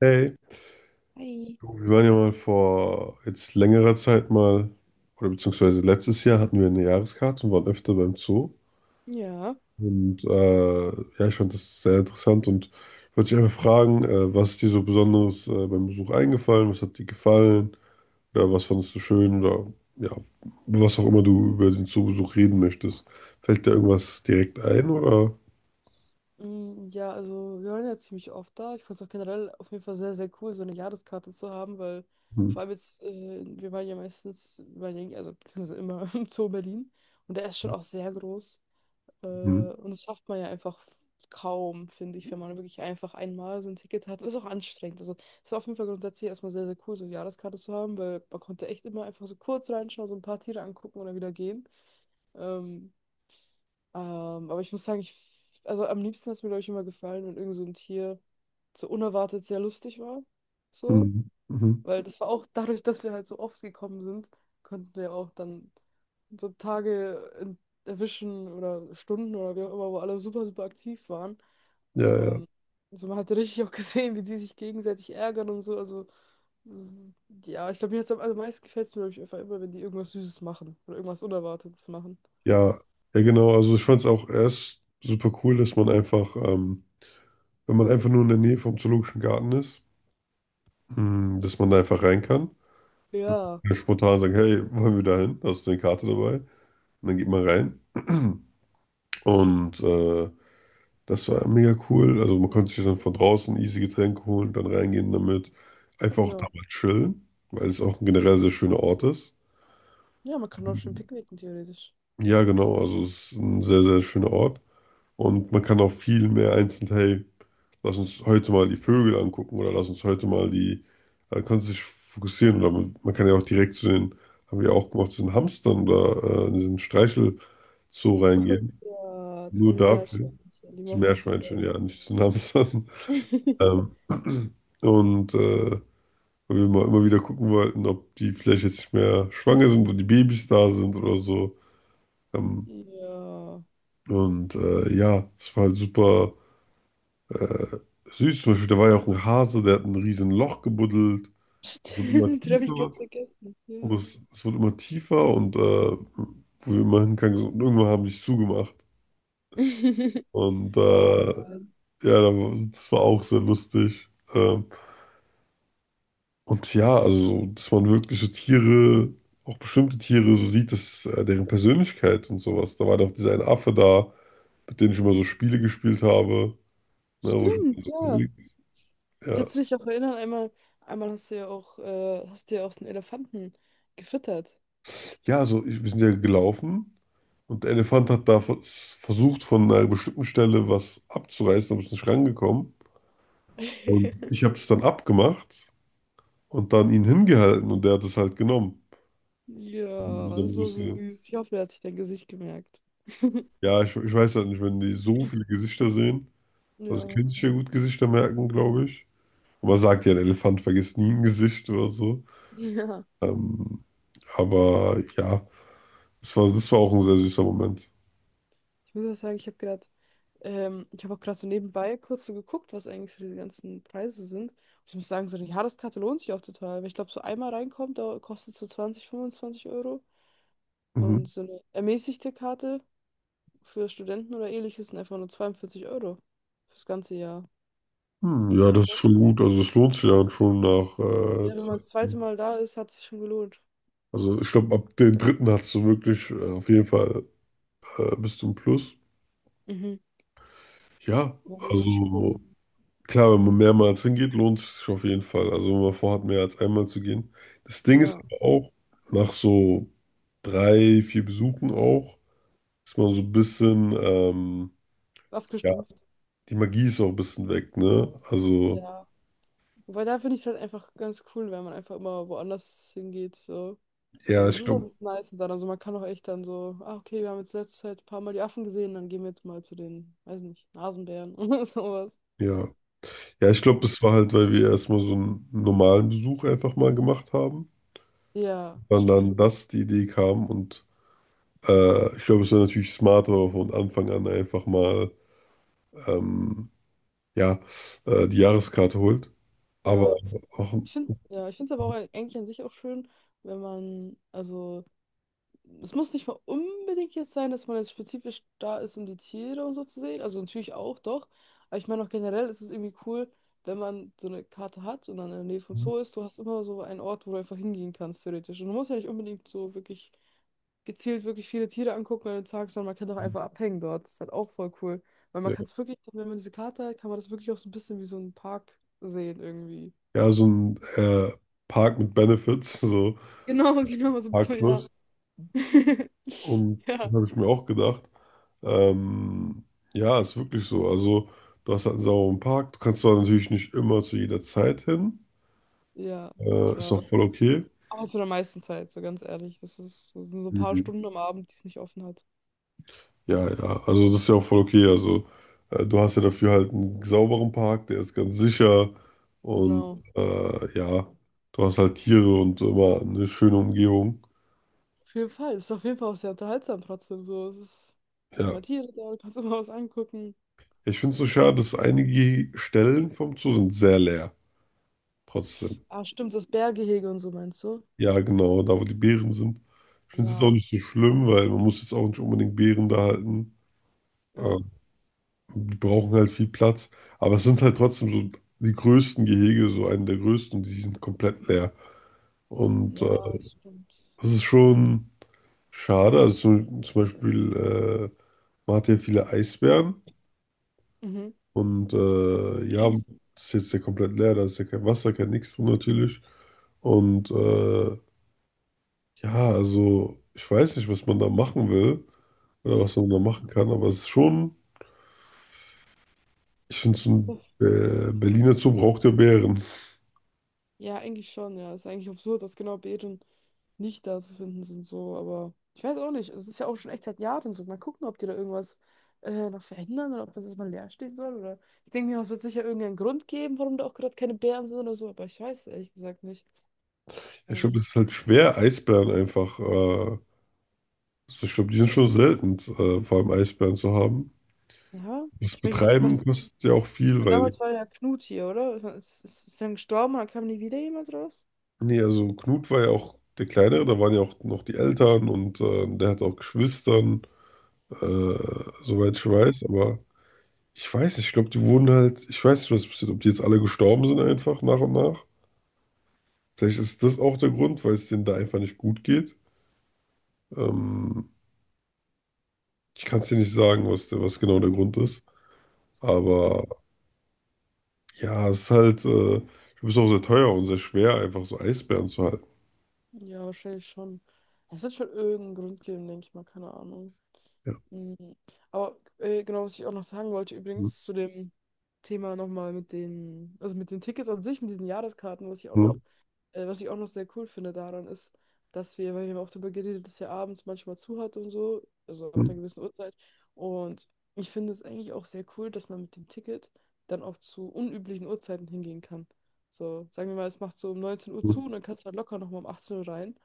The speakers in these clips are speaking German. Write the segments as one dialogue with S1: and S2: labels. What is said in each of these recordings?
S1: Hey,
S2: Hi.
S1: du, wir waren ja mal vor jetzt längerer Zeit mal, oder beziehungsweise letztes Jahr hatten wir eine Jahreskarte und waren öfter beim Zoo.
S2: Ja.
S1: Und ja, ich fand das sehr interessant und wollte dich einfach fragen, was ist dir so Besonderes beim Besuch eingefallen? Was hat dir gefallen? Oder was fandest du schön? Oder ja, was auch immer du über den Zoobesuch reden möchtest. Fällt dir irgendwas direkt ein oder?
S2: Mm, ja, also wir waren ja ziemlich oft da. Ich fand es auch generell auf jeden Fall sehr, sehr cool, so eine Jahreskarte zu haben, weil
S1: Mhm.
S2: vor allem jetzt, wir waren ja meistens, wir waren ja, also beziehungsweise immer im Zoo Berlin, und der ist schon auch sehr groß. Äh, und das schafft man ja einfach kaum, finde ich, wenn man wirklich einfach einmal so ein Ticket hat. Ist auch anstrengend. Also es war auf jeden Fall grundsätzlich erstmal sehr, sehr cool, so eine Jahreskarte zu haben, weil man konnte echt immer einfach so kurz reinschauen, so ein paar Tiere angucken und dann wieder gehen. Ähm, aber ich muss sagen, also am liebsten hat es mir, glaube ich, immer gefallen, wenn irgend so ein Tier so unerwartet sehr lustig war. So.
S1: Mhm. Mhm.
S2: Weil das war auch dadurch, dass wir halt so oft gekommen sind, konnten wir auch dann so Tage erwischen oder Stunden oder wie auch immer, wo alle super, super aktiv waren.
S1: Ja, ja.
S2: Ähm, also man hat richtig auch gesehen, wie die sich gegenseitig ärgern und so. Also, s- ja, ich glaube, mir hat's am allermeisten gefällt es mir, glaube ich, einfach immer, wenn die irgendwas Süßes machen oder irgendwas Unerwartetes machen.
S1: Ja, ja, genau. Also ich fand es auch erst super cool, dass man einfach, wenn man einfach nur in der Nähe vom Zoologischen Garten ist, mh, dass man da einfach rein kann.
S2: Ja,
S1: Und spontan sagen, hey, wollen wir da hin? Hast du eine Karte dabei? Und dann geht man rein. Und das war mega cool. Also man konnte sich dann von draußen easy Getränke holen, dann reingehen damit. Einfach auch da
S2: ja.
S1: mal chillen, weil es auch ein generell sehr schöner Ort ist.
S2: Ja, man kann auch schön picknicken, theoretisch.
S1: Ja, genau. Also es ist ein sehr, sehr schöner Ort. Und man kann auch viel mehr einzeln, hey, lass uns heute mal die Vögel angucken oder lass uns heute mal die, kannst du dich fokussieren? Oder man kann ja auch direkt zu den, haben wir auch gemacht, zu den Hamstern oder in diesen Streichelzoo
S2: Oh
S1: reingehen.
S2: ja, zu
S1: Nur
S2: den
S1: dafür.
S2: Meerschweinchen, die
S1: Zu
S2: mochte ich so
S1: Meerschweinchen, ja,
S2: gerne.
S1: nicht zu den Hamstern. Ähm, und äh, Weil wir mal immer wieder gucken wollten, ob die vielleicht jetzt nicht mehr schwanger sind oder die Babys da sind oder so. Ähm,
S2: Ja.
S1: ja, es war halt super äh, süß. Zum Beispiel, da war ja auch ein Hase, der hat ein riesen Loch gebuddelt. Wird immer
S2: Stimmt, den habe ich
S1: tiefer
S2: ganz vergessen.
S1: und
S2: Ja.
S1: es wird immer tiefer und wo wir immer hingegangen sind, und irgendwann haben die es zugemacht. Und
S2: War auch geil.
S1: ja, das war auch sehr lustig. Ähm, und ja, also, so, dass man wirklich so Tiere, auch bestimmte Tiere, so sieht, dass deren Persönlichkeit und sowas. Da war doch dieser eine Affe da, mit dem ich immer so Spiele gespielt habe. Ne, wo
S2: Stimmt, ja.
S1: ich, ja.
S2: Kannst du dich auch erinnern, einmal hast du ja auch so einen Elefanten gefüttert.
S1: Ja, also ich, wir sind ja gelaufen und der Elefant hat da versucht, von einer bestimmten Stelle was abzureißen, aber ist nicht rangekommen. Und ich habe es dann abgemacht und dann ihn hingehalten und der hat es halt genommen. Und ich
S2: Ja,
S1: dann
S2: das war so
S1: wusste,
S2: süß. Ich hoffe, er hat sich dein Gesicht gemerkt.
S1: ja, ich weiß halt nicht, wenn die so viele Gesichter sehen, also die
S2: Ja.
S1: können sich ja gut Gesichter merken, glaube ich. Und man sagt ja, ein Elefant vergisst nie ein Gesicht oder so.
S2: Ja.
S1: Ähm, aber ja, das war auch ein sehr süßer Moment.
S2: Ich muss auch sagen, ich habe auch gerade so nebenbei kurz so geguckt, was eigentlich so diese ganzen Preise sind. Und ich muss sagen, so eine Jahreskarte lohnt sich auch total, weil ich glaube, so einmal reinkommt, da kostet so 20-25 Euro.
S1: Mhm.
S2: Und so eine ermäßigte Karte für Studenten oder ähnliches sind einfach nur 42 Euro fürs ganze Jahr.
S1: Hm, ja,
S2: Dachte
S1: das ist
S2: schon,
S1: schon gut. Also es lohnt sich ja schon nach
S2: ja, wenn
S1: Zeit.
S2: man das zweite Mal da ist, hat sich schon gelohnt.
S1: Also ich glaube, ab den dritten hast du wirklich auf jeden Fall bist du im Plus.
S2: Mhm.
S1: Ja,
S2: War mir richtig cool.
S1: also klar, wenn man mehrmals hingeht, lohnt es sich auf jeden Fall. Also wenn man vorhat, mehr als einmal zu gehen. Das Ding ist
S2: Ja,
S1: aber auch, nach so drei, vier Besuchen auch, ist man so ein bisschen, ja,
S2: abgestumpft.
S1: die Magie ist auch ein bisschen weg, ne? Also,
S2: Ja. Wobei da finde ich es halt einfach ganz cool, wenn man einfach immer woanders hingeht, so.
S1: ja,
S2: Also das
S1: ich
S2: ist
S1: glaube,
S2: alles nice und dann, also man kann auch echt dann so, ah, okay, wir haben jetzt letzte Zeit ein paar Mal die Affen gesehen, dann gehen wir jetzt mal zu den, weiß nicht, Nasenbären oder sowas.
S1: ja. Ja, ich glaube, das war halt, weil wir erstmal so einen normalen Besuch einfach mal gemacht haben.
S2: Ja,
S1: Dann
S2: stimmt.
S1: dann das die Idee kam und ich glaube, es wäre natürlich smarter, wenn man von Anfang an einfach mal ähm, ja, die Jahreskarte holt. Aber
S2: Ja,
S1: auch
S2: ich finde es aber auch eigentlich an sich auch schön, wenn man, also es muss nicht mal unbedingt jetzt sein, dass man jetzt spezifisch da ist, um die Tiere und so zu sehen. Also natürlich auch, doch. Aber ich meine auch generell ist es irgendwie cool, wenn man so eine Karte hat und dann in der Nähe vom Zoo ist, du hast immer so einen Ort, wo du einfach hingehen kannst, theoretisch. Und du musst ja nicht unbedingt so wirklich gezielt wirklich viele Tiere angucken an den Tag, sondern man kann doch einfach abhängen dort. Das ist halt auch voll cool. Weil man kann
S1: ja,
S2: es wirklich, wenn man diese Karte hat, kann man das wirklich auch so ein bisschen wie so einen Park sehen irgendwie.
S1: ja, so ein Park mit Benefits, so
S2: Genau, genau, so,
S1: Park
S2: ja.
S1: Plus. Und das
S2: Ja.
S1: habe ich mir auch gedacht. Ähm, ja, ist wirklich so. Also, du hast halt einen sauberen Park. Du kannst zwar natürlich nicht immer zu jeder Zeit hin.
S2: Ja,
S1: Ist auch
S2: klar.
S1: voll okay.
S2: Aber zu der meisten Zeit, so ganz ehrlich. Das sind so ein paar
S1: Mhm.
S2: Stunden am Abend, die es nicht offen hat.
S1: Ja, ja, also das ist ja auch voll okay. Also, du hast ja dafür halt einen sauberen Park, der ist ganz sicher. Und
S2: Genau.
S1: ja, du hast halt Tiere und immer eine schöne Umgebung.
S2: Auf jeden Fall. Es ist auf jeden Fall auch sehr unterhaltsam trotzdem. So, es sind
S1: Ja.
S2: immer Tiere da, du kannst immer was angucken.
S1: Ich finde es so schade, dass einige Stellen vom Zoo sind sehr leer. Trotzdem.
S2: Ah, stimmt, das Bärgehege und so meinst du?
S1: Ja, genau, da wo die Beeren sind. Ich finde es jetzt auch
S2: Ja,
S1: nicht so schlimm, weil man muss jetzt auch nicht unbedingt Beeren da halten.
S2: ja,
S1: Ähm, Die brauchen halt viel Platz. Aber es sind halt trotzdem so die größten Gehege, so einen der größten, die sind komplett leer. Und
S2: ja, stimmt.
S1: das ist schon schade. Also zum Beispiel, man hat ja viele Eisbären
S2: Mhm.
S1: und ja, das ist jetzt ja komplett leer, da ist ja kein Wasser, kein Nix drin natürlich. Und ja, also ich weiß nicht, was man da machen will oder
S2: Ja,
S1: was man
S2: ja.
S1: da machen kann, aber es ist schon, ich finde, so ein Berliner Zoo braucht ja Bären.
S2: Ja, eigentlich schon, ja. Ist eigentlich absurd, dass genau Beeren nicht da zu finden sind, so, aber ich weiß auch nicht. Es ist ja auch schon echt seit Jahren so. Mal gucken, ob die da irgendwas noch verändern oder ob das jetzt mal leer stehen soll. Oder ich denke mir, es wird sicher irgendeinen Grund geben, warum da auch gerade keine Beeren sind oder so, aber ich weiß es ehrlich gesagt nicht.
S1: Ich glaube,
S2: Ähm,
S1: das ist halt schwer, Eisbären einfach, also ich glaube, die sind schon selten, vor allem Eisbären zu haben.
S2: ja,
S1: Das
S2: ich meine,
S1: Betreiben
S2: was,
S1: kostet ja auch
S2: ich
S1: viel,
S2: meine,
S1: weil,
S2: damals war ja Knut hier, oder? Ich mein, ist dann gestorben, oder kam nie wieder jemand raus?
S1: nee, also Knut war ja auch der Kleinere, da waren ja auch noch die Eltern und der hat auch Geschwistern, äh, soweit ich
S2: Was?
S1: weiß, aber ich weiß nicht, ich glaube, die wurden halt, ich weiß nicht, was passiert, ob die jetzt alle gestorben sind einfach nach und nach. Vielleicht ist das auch der Grund, weil es denen da einfach nicht gut geht. Ähm, Ich kann es dir nicht sagen, was genau der Grund ist.
S2: Ah,
S1: Aber ja, es ist halt, ich glaube, es ist auch sehr teuer und sehr schwer, einfach so Eisbären zu halten.
S2: ja, wahrscheinlich schon. Es wird schon irgendeinen Grund geben, denke ich mal, keine Ahnung.
S1: Ja,
S2: Mhm. Aber genau, was ich auch noch sagen wollte,
S1: hm,
S2: übrigens zu dem Thema nochmal also mit den Tickets an sich, mit diesen Jahreskarten,
S1: hm,
S2: was ich auch noch sehr cool finde daran ist, dass wir, weil wir haben auch darüber geredet, dass er abends manchmal zu hat und so, also ab
S1: hm,
S2: einer gewissen Uhrzeit. Und ich finde es eigentlich auch sehr cool, dass man mit dem Ticket dann auch zu unüblichen Uhrzeiten hingehen kann. So, sagen wir mal, es macht so um 19 Uhr zu
S1: hm.
S2: und dann kannst du halt locker nochmal um 18 Uhr rein.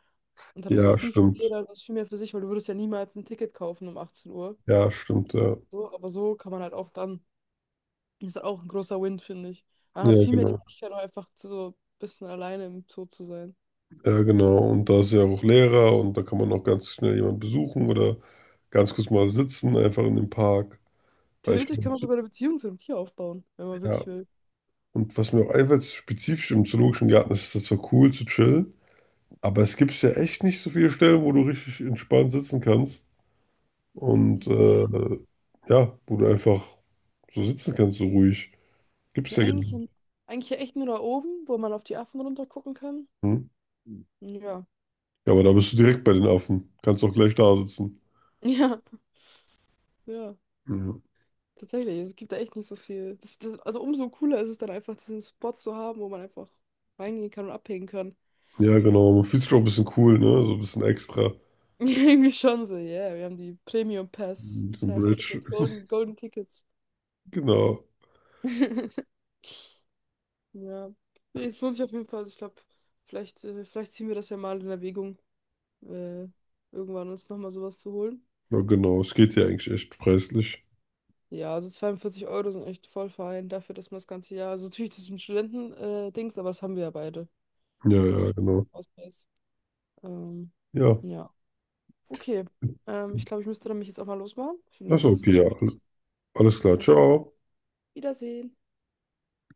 S2: Und dann ist halt
S1: Ja,
S2: viel, viel
S1: stimmt.
S2: jeder, das viel mehr für sich, weil du würdest ja niemals ein Ticket kaufen um 18 Uhr.
S1: Ja, stimmt, ja.
S2: So, aber so kann man halt auch dann, das ist halt auch ein großer Win, finde ich. Man hat
S1: Ja,
S2: viel mehr die
S1: genau.
S2: Möglichkeit, auch einfach zu so ein bisschen alleine im Zoo zu sein.
S1: Ja, genau. Und da ist ja auch Lehrer und da kann man auch ganz schnell jemanden besuchen oder ganz kurz mal sitzen, einfach in dem Park. Weil ich,
S2: Theoretisch kann man sogar eine Beziehung zu einem Tier aufbauen, wenn man
S1: ja,
S2: wirklich will.
S1: und was mir auch einfällt, spezifisch im Zoologischen Garten ist, das war cool zu chillen, aber es gibt ja echt nicht so viele Stellen, wo du richtig entspannt sitzen kannst und
S2: Nee.
S1: ja, wo du einfach so sitzen kannst, so ruhig. Gibt's
S2: Ja,
S1: ja gar
S2: eigentlich,
S1: nicht.
S2: eigentlich ja echt nur da oben, wo man auf die Affen runter gucken kann.
S1: Hm?
S2: Ja.
S1: Ja, aber da bist du direkt bei den Affen. Kannst auch gleich da sitzen.
S2: Ja, ja.
S1: Ja,
S2: Tatsächlich, es gibt da echt nicht so viel. Also umso cooler ist es dann einfach, diesen Spot zu haben, wo man einfach reingehen kann und abhängen kann.
S1: ja, genau. Man fühlt sich auch ein bisschen cool, ne? So ein bisschen extra.
S2: Irgendwie schon so, yeah. Wir haben die Premium Pass,
S1: Ein bisschen
S2: Pass
S1: Bridge.
S2: Tickets, Golden, Golden Tickets.
S1: Genau.
S2: Ja. Nee, es lohnt sich auf jeden Fall. Also ich glaube, vielleicht ziehen wir das ja mal in Erwägung, äh, irgendwann uns nochmal sowas zu holen.
S1: Ja, genau. Es geht ja eigentlich echt preislich.
S2: Ja, also 42 Euro sind echt voll fein dafür, dass man das ganze Jahr. Also natürlich, das ist ein Studenten-Dings, aber das haben wir ja beide.
S1: Ja,
S2: Mit
S1: ja, genau.
S2: Studentenausweis. Ähm,
S1: Ja,
S2: ja. Okay. Ich glaube, ich müsste dann mich jetzt auch mal losmachen. Vielen
S1: das ist
S2: Dank für das
S1: okay, ja.
S2: Gespräch.
S1: Alles klar.
S2: Äh,
S1: Ciao.
S2: Wiedersehen.